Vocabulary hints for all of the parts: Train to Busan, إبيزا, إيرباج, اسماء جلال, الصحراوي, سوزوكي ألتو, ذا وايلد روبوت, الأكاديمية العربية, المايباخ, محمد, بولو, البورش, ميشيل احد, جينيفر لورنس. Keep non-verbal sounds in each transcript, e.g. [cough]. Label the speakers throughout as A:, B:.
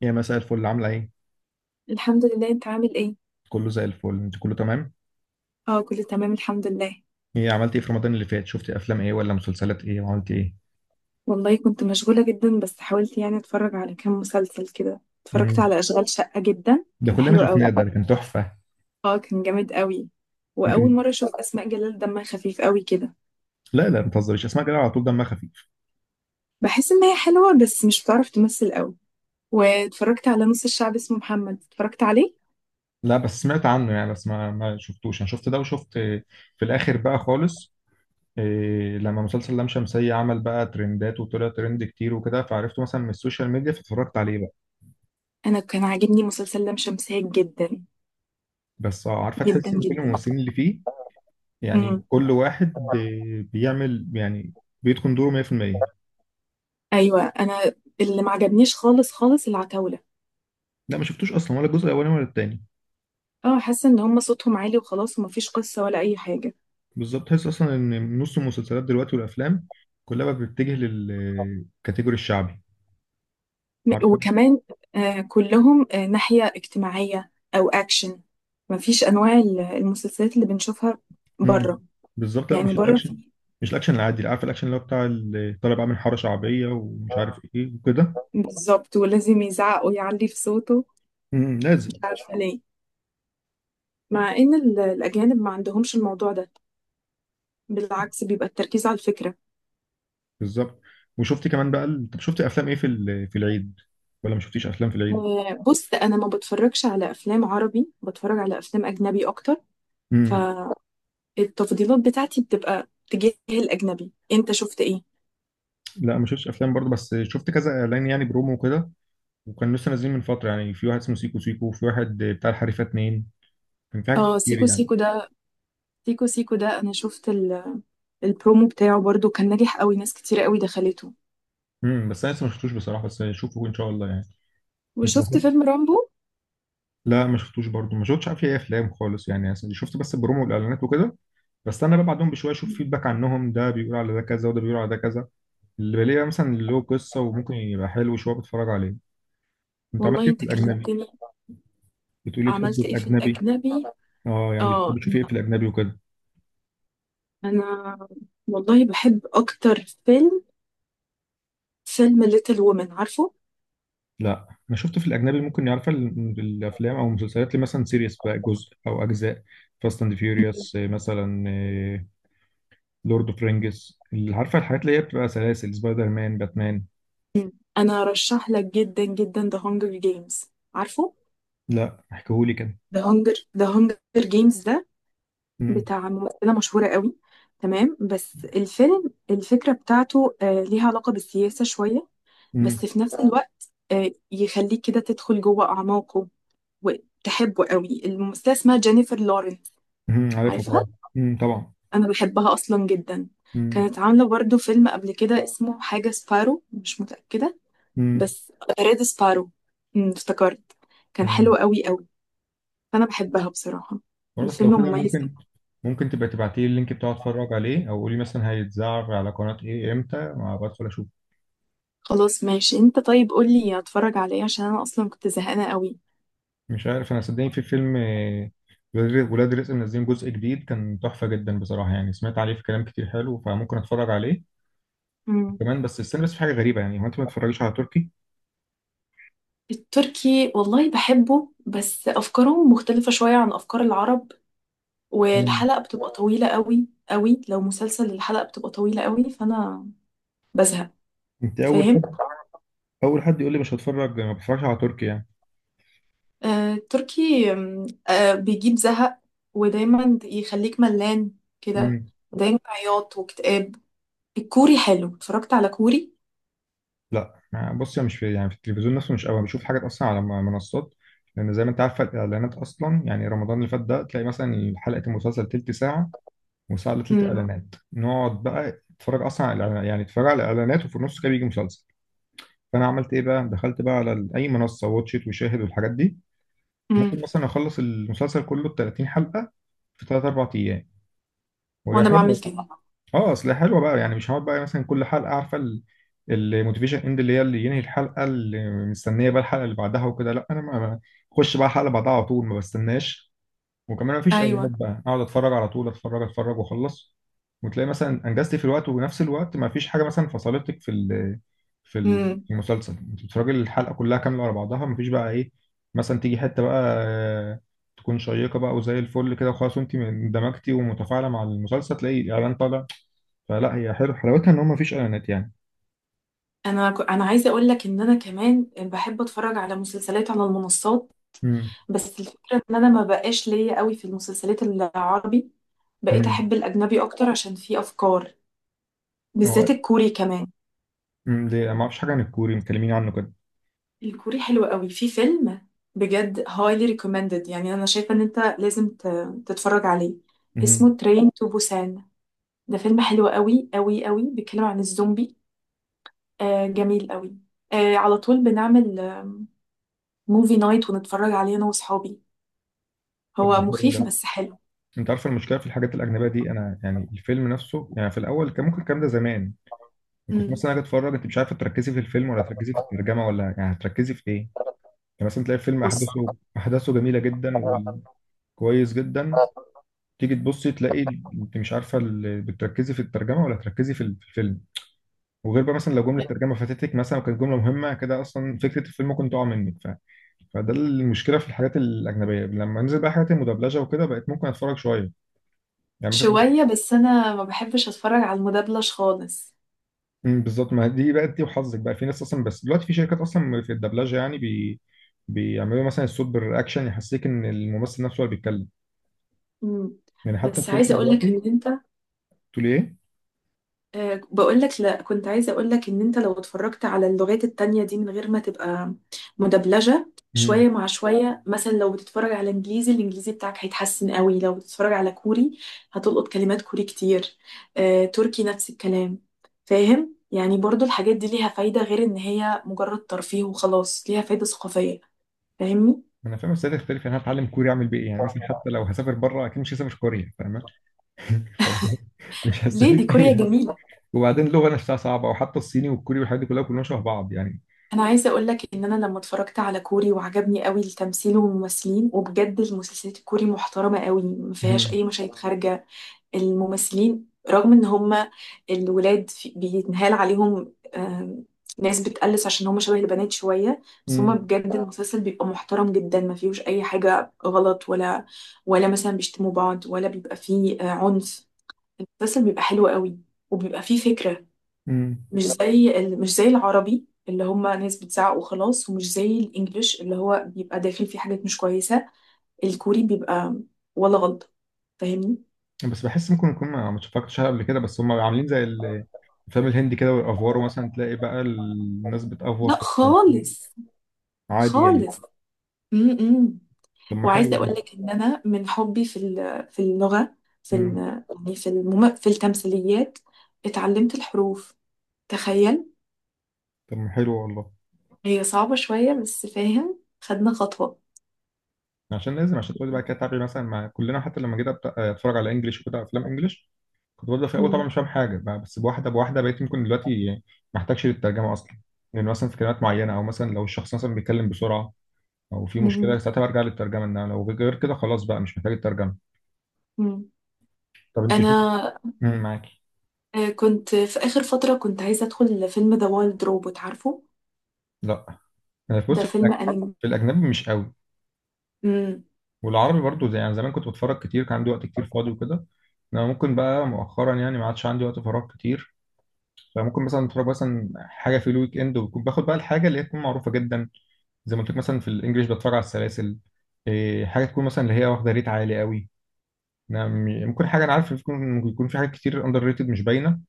A: يا مساء الفل، عاملة ايه؟
B: الحمد لله، انت عامل ايه؟
A: كله زي الفل، انت كله تمام؟
B: اه، كله تمام الحمد لله.
A: ايه، عملت ايه في رمضان اللي فات؟ شفتي افلام ايه ولا مسلسلات ايه وعملت ايه؟
B: والله كنت مشغولة جدا، بس حاولت يعني اتفرج على كام مسلسل كده. اتفرجت
A: مم.
B: على اشغال شقة، جدا
A: ده
B: كان
A: كلنا
B: حلو قوي.
A: شفناه، ده كان تحفة.
B: اه كان جامد قوي. واول
A: يمكن.
B: مرة اشوف اسماء جلال، دمها خفيف قوي كده.
A: لا لا، ما تهزريش، اسمع كده على طول دمها خفيف.
B: بحس ان هي حلوة بس مش بتعرف تمثل قوي. واتفرجت على نص الشعب اسمه محمد، اتفرجت عليه.
A: لا بس سمعت عنه يعني، بس ما شفتوش، انا شفت ده وشفت في الاخر بقى خالص. إيه، لما مسلسل لام شمسية عمل بقى ترندات وطلع ترند كتير وكده، فعرفته مثلا من السوشيال ميديا فاتفرجت عليه بقى.
B: انا كان عاجبني مسلسل لام شمسية جدا.
A: بس عارفة،
B: جدا
A: تحس ان كل
B: جدا.
A: الممثلين اللي فيه يعني
B: امم.
A: كل واحد بيعمل يعني بيتقن دوره 100%.
B: ايوه. انا اللي ما عجبنيش خالص خالص العتاولة.
A: لا ما شفتوش اصلا، ولا الجزء الاولاني ولا التاني.
B: اه، حاسه ان هم صوتهم عالي وخلاص، ومفيش قصه ولا اي حاجه.
A: بالظبط، تحس اصلا ان نص المسلسلات دلوقتي والافلام كلها بقت بتتجه للكاتيجوري الشعبي. عارفه.
B: وكمان. آه، كلهم ناحيه اجتماعيه او اكشن. مفيش انواع المسلسلات اللي بنشوفها
A: امم.
B: بره.
A: بالظبط، لا
B: يعني
A: مش
B: بره في.
A: الاكشن، مش الاكشن العادي، اللي عارف الاكشن اللي هو بتاع طالع بعمل حاره شعبيه ومش عارف ايه وكده.
B: بالظبط، ولازم يزعق ويعلي في صوته.
A: امم،
B: مش
A: لازم.
B: عارفه ليه. مع ان الاجانب ما عندهمش الموضوع ده. بالعكس، بيبقى التركيز على الفكره.
A: بالظبط. وشفت كمان بقى طب شفت افلام ايه في في العيد؟ ولا ما شفتيش افلام في العيد؟
B: آه، بص انا ما بتفرجش على افلام عربي، بتفرج على افلام اجنبي اكتر.
A: امم.
B: فالتفضيلات بتاعتي بتبقى تجاه الاجنبي. انت شفت ايه؟
A: لا، ما شفتش افلام برضه، بس شفت كذا اعلان يعني برومو وكده، وكان لسه نازلين من فتره، يعني في واحد اسمه سيكو سيكو، وفي واحد بتاع الحريفه اتنين، كان في حاجات
B: اه،
A: كتير
B: سيكو
A: يعني.
B: سيكو ده. سيكو سيكو ده، انا شفت البرومو بتاعه برضو كان ناجح قوي، ناس كتير قوي دخلته.
A: امم. بس انا لسه ما شفتوش بصراحه، بس اشوفه ان شاء الله يعني. كنت
B: وشفت
A: بحب.
B: فيلم رامبو.
A: لا، ما شفتوش برضه، ما شفتش عارف ايه افلام خالص يعني، أصل شفت بس البرومو والاعلانات وكده. بستنى بقى بعدهم بشويه اشوف فيدباك عنهم، ده بيقول على ده كذا وده بيقول على ده كذا. اللي بلاقيه مثلا اللي له قصه وممكن يبقى حلو شويه بتفرج عليه. انت
B: والله
A: عملت ايه في
B: انت
A: الاجنبي؟
B: كلمتني.
A: بتقولي بتحب
B: عملت ايه في
A: الاجنبي.
B: الاجنبي؟
A: اه يعني
B: اه،
A: بتحب تشوفي ايه
B: انا
A: في الاجنبي وكده؟
B: انا والله بحب اكتر فيلم ليتل وومن، عارفه؟
A: لا انا شفت في الاجنبي ممكن يعرف الافلام او المسلسلات، اللي مثلا سيريس بقى جزء او اجزاء، فاست اند فيوريوس مثلا، لورد اوف رينجز، اللي عارفه الحاجات اللي هي بتبقى سلاسل، سبايدر مان، باتمان.
B: انا رشح لك جدا جدا ذا هانجر جيمز. عارفه؟
A: لا احكيهولي كده.
B: ذا هانجر جيمز ده
A: امم.
B: بتاع ممثلة مشهورة قوي. تمام، بس الفيلم الفكرة بتاعته ليها علاقة بالسياسة شوية.
A: امم.
B: بس في نفس الوقت يخليك كده تدخل جوه أعماقه. وتحبه قوي. الممثلة اسمها جينيفر لورنس.
A: امم، عارفها
B: عارفها؟
A: طبعا. امم، طبعا.
B: أنا بحبها أصلا جدا.
A: امم.
B: كانت عاملة برضو فيلم قبل كده اسمه حاجة سبارو، مش متأكدة.
A: امم.
B: بس ريد سبارو. افتكرت. كان حلو
A: تمام.
B: قوي قوي. فأنا بحبها بصراحة.
A: خلاص،
B: الفيلم
A: لو كده
B: مميز.
A: ممكن تبقى تبعتي لي اللينك بتاعه اتفرج عليه، او قولي مثلا هيتذاع على قناة ايه امتى ما بدخل اشوف.
B: خلاص ماشي، انت طيب قولي اتفرج عليه عشان انا اصلا كنت زهقانة قوي.
A: مش عارف، انا صدقني في فيلم ولاد رزق منزلين جزء جديد، كان تحفة جدا بصراحة، يعني سمعت عليه في كلام كتير حلو، فممكن اتفرج عليه
B: أمم.
A: كمان، بس استنى. بس في حاجة غريبة يعني، هو انت ما بتتفرجيش على تركي؟
B: التركي والله بحبه، بس أفكارهم مختلفة شوية عن أفكار العرب.
A: مم.
B: والحلقة بتبقى طويلة قوي قوي، لو مسلسل الحلقة بتبقى طويلة قوي فأنا بزهق.
A: انت اول
B: فاهم.
A: اول حد يقول لي مش هتفرج، ما بتفرجش على تركي يعني.
B: آه، التركي بيجيب زهق. ودايما يخليك ملان كده.
A: امم.
B: دايما عياط واكتئاب. الكوري حلو، اتفرجت على كوري.
A: لا بص، أنا مش في يعني في التلفزيون نفسه مش قوي، أنا بشوف حاجات اصلا على منصات. لان زي ما انت عارف، الاعلانات اصلا يعني رمضان اللي فات ده تلاقي مثلا حلقه المسلسل تلت ساعه وساعه الا تلت
B: امم.
A: اعلانات. نقعد بقى نتفرج اصلا على يعني نتفرج على الاعلانات، وفي النص كده بيجي مسلسل. فانا عملت ايه بقى؟ دخلت بقى على اي منصه، واتشيت وشاهد والحاجات دي.
B: امم.
A: ممكن مثلا اخلص المسلسل كله ب 30 حلقه في 3 4 ايام، وهي
B: وانا بعمل
A: حلوه.
B: كده.
A: اه، اصل حلوه بقى يعني، مش هقعد بقى مثلا كل حلقه عارفه الموتيفيشن اند، اللي هي اللي ينهي الحلقه اللي مستنيه بقى الحلقه اللي بعدها وكده، لا انا ما بخش بقى الحلقه بعدها على طول، ما بستناش. وكمان ما فيش
B: ايوه.
A: اعلانات، بقى اقعد اتفرج على طول، اتفرج اتفرج واخلص. وتلاقي مثلا انجزت في الوقت، وبنفس الوقت ما فيش حاجه مثلا فصلتك في في
B: امم.
A: في المسلسل، انت بتتفرجي الحلقه كلها كامله على بعضها، ما فيش بقى ايه مثلا تيجي حته بقى تكون شيقه بقى وزي الفل كده وخلاص، وانت اندمجتي ومتفاعله مع المسلسل، تلاقي اعلان طالع. فلا، هي حلو حلاوتها ان هو مفيش اعلانات يعني.
B: انا عايزه اقول لك ان انا كمان بحب اتفرج على مسلسلات على المنصات.
A: امم.
B: بس الفكرة ان انا ما بقاش ليا قوي في المسلسلات العربي. بقيت
A: امم.
B: احب الاجنبي اكتر عشان فيه افكار.
A: هو
B: بالذات الكوري كمان.
A: ليه ما اعرفش حاجه عن الكوري، مكلمين عنه كده.
B: الكوري حلو قوي. في فيلم بجد highly recommended، يعني انا شايفة ان انت لازم تتفرج عليه.
A: امم.
B: اسمه Train to Busan. ده فيلم حلو قوي قوي قوي، بيتكلم عن الزومبي. آه، جميل قوي. آه، على طول بنعمل موفي نايت ونتفرج عليه انا واصحابي.
A: طب
B: هو
A: حلو
B: مخيف
A: ده.
B: بس حلو.
A: انت عارف المشكله في الحاجات الاجنبيه دي، انا يعني الفيلم نفسه يعني في الاول كان ممكن الكلام ده زمان، يعني كنت
B: مم.
A: مثلا اجي اتفرج، انت مش عارفه تركزي في الفيلم ولا تركزي في الترجمه ولا يعني هتركزي في ايه. يعني مثلا تلاقي الفيلم
B: بص.
A: احداثه جميله جدا وكويس جدا. تيجي تبصي، تلاقي انت مش عارفه بتركزي في الترجمه ولا تركزي في الفيلم. وغير بقى مثلا لو جمله الترجمه فاتتك مثلا وكانت جمله مهمه كده، اصلا فكره الفيلم ممكن تقع منك فده المشكله في الحاجات الاجنبيه. لما نزل بقى حاجات المدبلجه وكده بقيت ممكن اتفرج شويه، يعني مثلا
B: شوية بس أنا ما بحبش أتفرج على المدبلج خالص.
A: أمم، بالظبط، ما دي بقى دي وحظك بقى في ناس اصلا، بس دلوقتي في شركات اصلا في الدبلجه يعني بيعملوا مثلا الصوت بالرياكشن، يحسسك ان الممثل نفسه هو اللي بيتكلم.
B: مم.
A: يعني حتى
B: بس
A: التركي
B: عايزة أقولك
A: دلوقتي.
B: إن أنت،
A: تقول ايه؟
B: آه بقولك، لا كنت عايزة أقولك إن أنت لو اتفرجت على اللغات التانية دي من غير ما تبقى مدبلجة،
A: أمم،
B: شوية مع شوية، مثلا لو بتتفرج على إنجليزي الإنجليزي بتاعك هيتحسن قوي، لو بتتفرج على كوري هتلقط كلمات كوري كتير. آه، تركي نفس الكلام. فاهم؟ يعني برضو الحاجات دي ليها فايدة، غير إن هي مجرد ترفيه وخلاص، ليها فايدة ثقافية. فاهمني؟
A: انا فاهم، بس ده تختلف يعني، أنا هتعلم كوري اعمل بيه ايه؟ يعني مثلا حتى لو هسافر بره اكيد مش هسافر كوريا، فاهمه؟ [laughs] فمش
B: ليه؟ دي
A: هستفيد
B: كوريا
A: اي.
B: جميلة.
A: وبعدين اللغه نفسها صعبه، وحتى الصيني والكوري والحاجات دي كلها، كلهم شبه بعض يعني.
B: انا عايزه اقول لك ان انا لما اتفرجت على كوري وعجبني قوي التمثيل والممثلين، وبجد المسلسلات الكوري محترمه قوي، ما فيهاش
A: مم.
B: اي مشاهد خارجه. الممثلين رغم ان هم الولاد بيتنهال عليهم، ناس بتقلص عشان هم شبه البنات شويه. بس هم
A: مم.
B: بجد، المسلسل بيبقى محترم جدا، ما فيهوش اي حاجه غلط، ولا ولا مثلا بيشتموا بعض، ولا بيبقى فيه عنف. المسلسل بيبقى حلو قوي، وبيبقى فيه فكره.
A: مم.
B: مش زي العربي اللي هم ناس بتزعق وخلاص، ومش زي الانجليش اللي هو بيبقى داخل فيه حاجات مش كويسة. الكوري بيبقى ولا غلطة. فاهمني؟
A: بس بحس ممكن يكون ما اتفرجتش عليها قبل كده، بس هم عاملين زي الفيلم الهندي كده والافوار، مثلا تلاقي بقى الناس بتافور
B: لا
A: في التمثيل.
B: خالص،
A: عادي يعني.
B: خالص. امم.
A: طب ما حلو
B: وعايزة اقول
A: ده.
B: لك ان انا من حبي في اللغة، في ال-
A: مم.
B: يعني في التمثيليات، اتعلمت الحروف. تخيل.
A: طب ما حلو والله.
B: هي صعبة شوية بس فاهم، خدنا خطوة.
A: عشان لازم، عشان تقولي بقى كده تعبي مثلا مع كلنا، حتى لما جيت اتفرج على انجلش وكده افلام انجلش، كنت ببدا في الاول طبعا
B: مم.
A: مش فاهم حاجه بقى، بس بواحده بواحده بقيت ممكن دلوقتي ما احتاجش للترجمه اصلا. لان مثلا في كلمات معينه، او مثلا لو الشخص مثلا بيتكلم بسرعه او في مشكله
B: مم.
A: ساعتها برجع للترجمه، انما لو غير كده خلاص بقى مش محتاج الترجمه.
B: مم.
A: طب انت شوف.
B: انا
A: مم، معاكي.
B: كنت في آخر فترة كنت عايزة أدخل فيلم ذا وايلد روبوت، عارفه؟
A: لا، أنا في
B: ده
A: بص، في
B: فيلم أنمي.
A: في الاجنبي مش قوي،
B: امم.
A: والعربي برضو زي يعني زمان كنت بتفرج كتير، كان عندي وقت كتير فاضي وكده. انا ممكن بقى مؤخرا يعني ما عادش عندي وقت فراغ كتير، فممكن مثلا اتفرج مثلا حاجه في الويك اند، وبكون باخد بقى الحاجه اللي هي تكون معروفه جدا. زي ما قلت لك مثلا في الانجليش، بتفرج على السلاسل. إيه، حاجه تكون مثلا اللي هي واخده ريت عالي قوي. أنا ممكن حاجه انا عارف يكون في حاجات كتير اندر ريتد مش باينه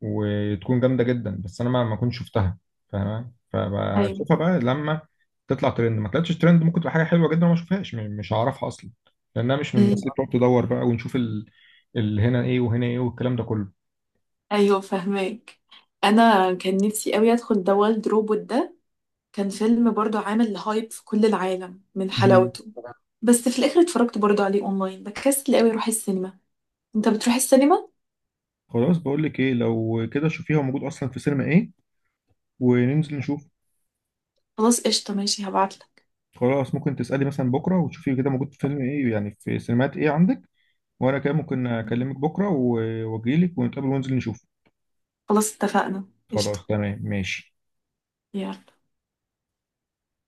A: وتكون جامده جدا، بس انا ما كنتش شفتها فاهمه.
B: أيوه.
A: فبشوفها بقى لما تطلع ترند، ما طلعتش ترند ممكن تبقى حاجه حلوه جدا وما اشوفهاش مش هعرفها اصلا، لانها مش من الناس اللي
B: امم.
A: بتقعد تدور بقى ونشوف ال هنا ايه وهنا ايه والكلام ده كله.
B: أيوه، فهماك. أنا كان نفسي أوي أدخل ذا وايلد روبوت ده. كان فيلم برضه عامل هايب في كل العالم من
A: مم.
B: حلاوته. بس في الآخر اتفرجت برضه عليه أونلاين، بكسل أوي أروح السينما. أنت بتروح السينما؟
A: خلاص، بقول لك ايه، لو كده شوفيه هو موجود اصلا في سينما ايه وننزل نشوف.
B: خلاص قشطة، ماشي هبعتلك.
A: خلاص، ممكن تسألي مثلا بكره وتشوفي كده موجود في فيلم ايه، يعني في سينمات ايه عندك، وانا كده ممكن اكلمك بكره واجيلك ونتقابل وننزل نشوف.
B: خلاص اتفقنا.
A: خلاص
B: قشطة.
A: تمام ماشي.
B: يلا.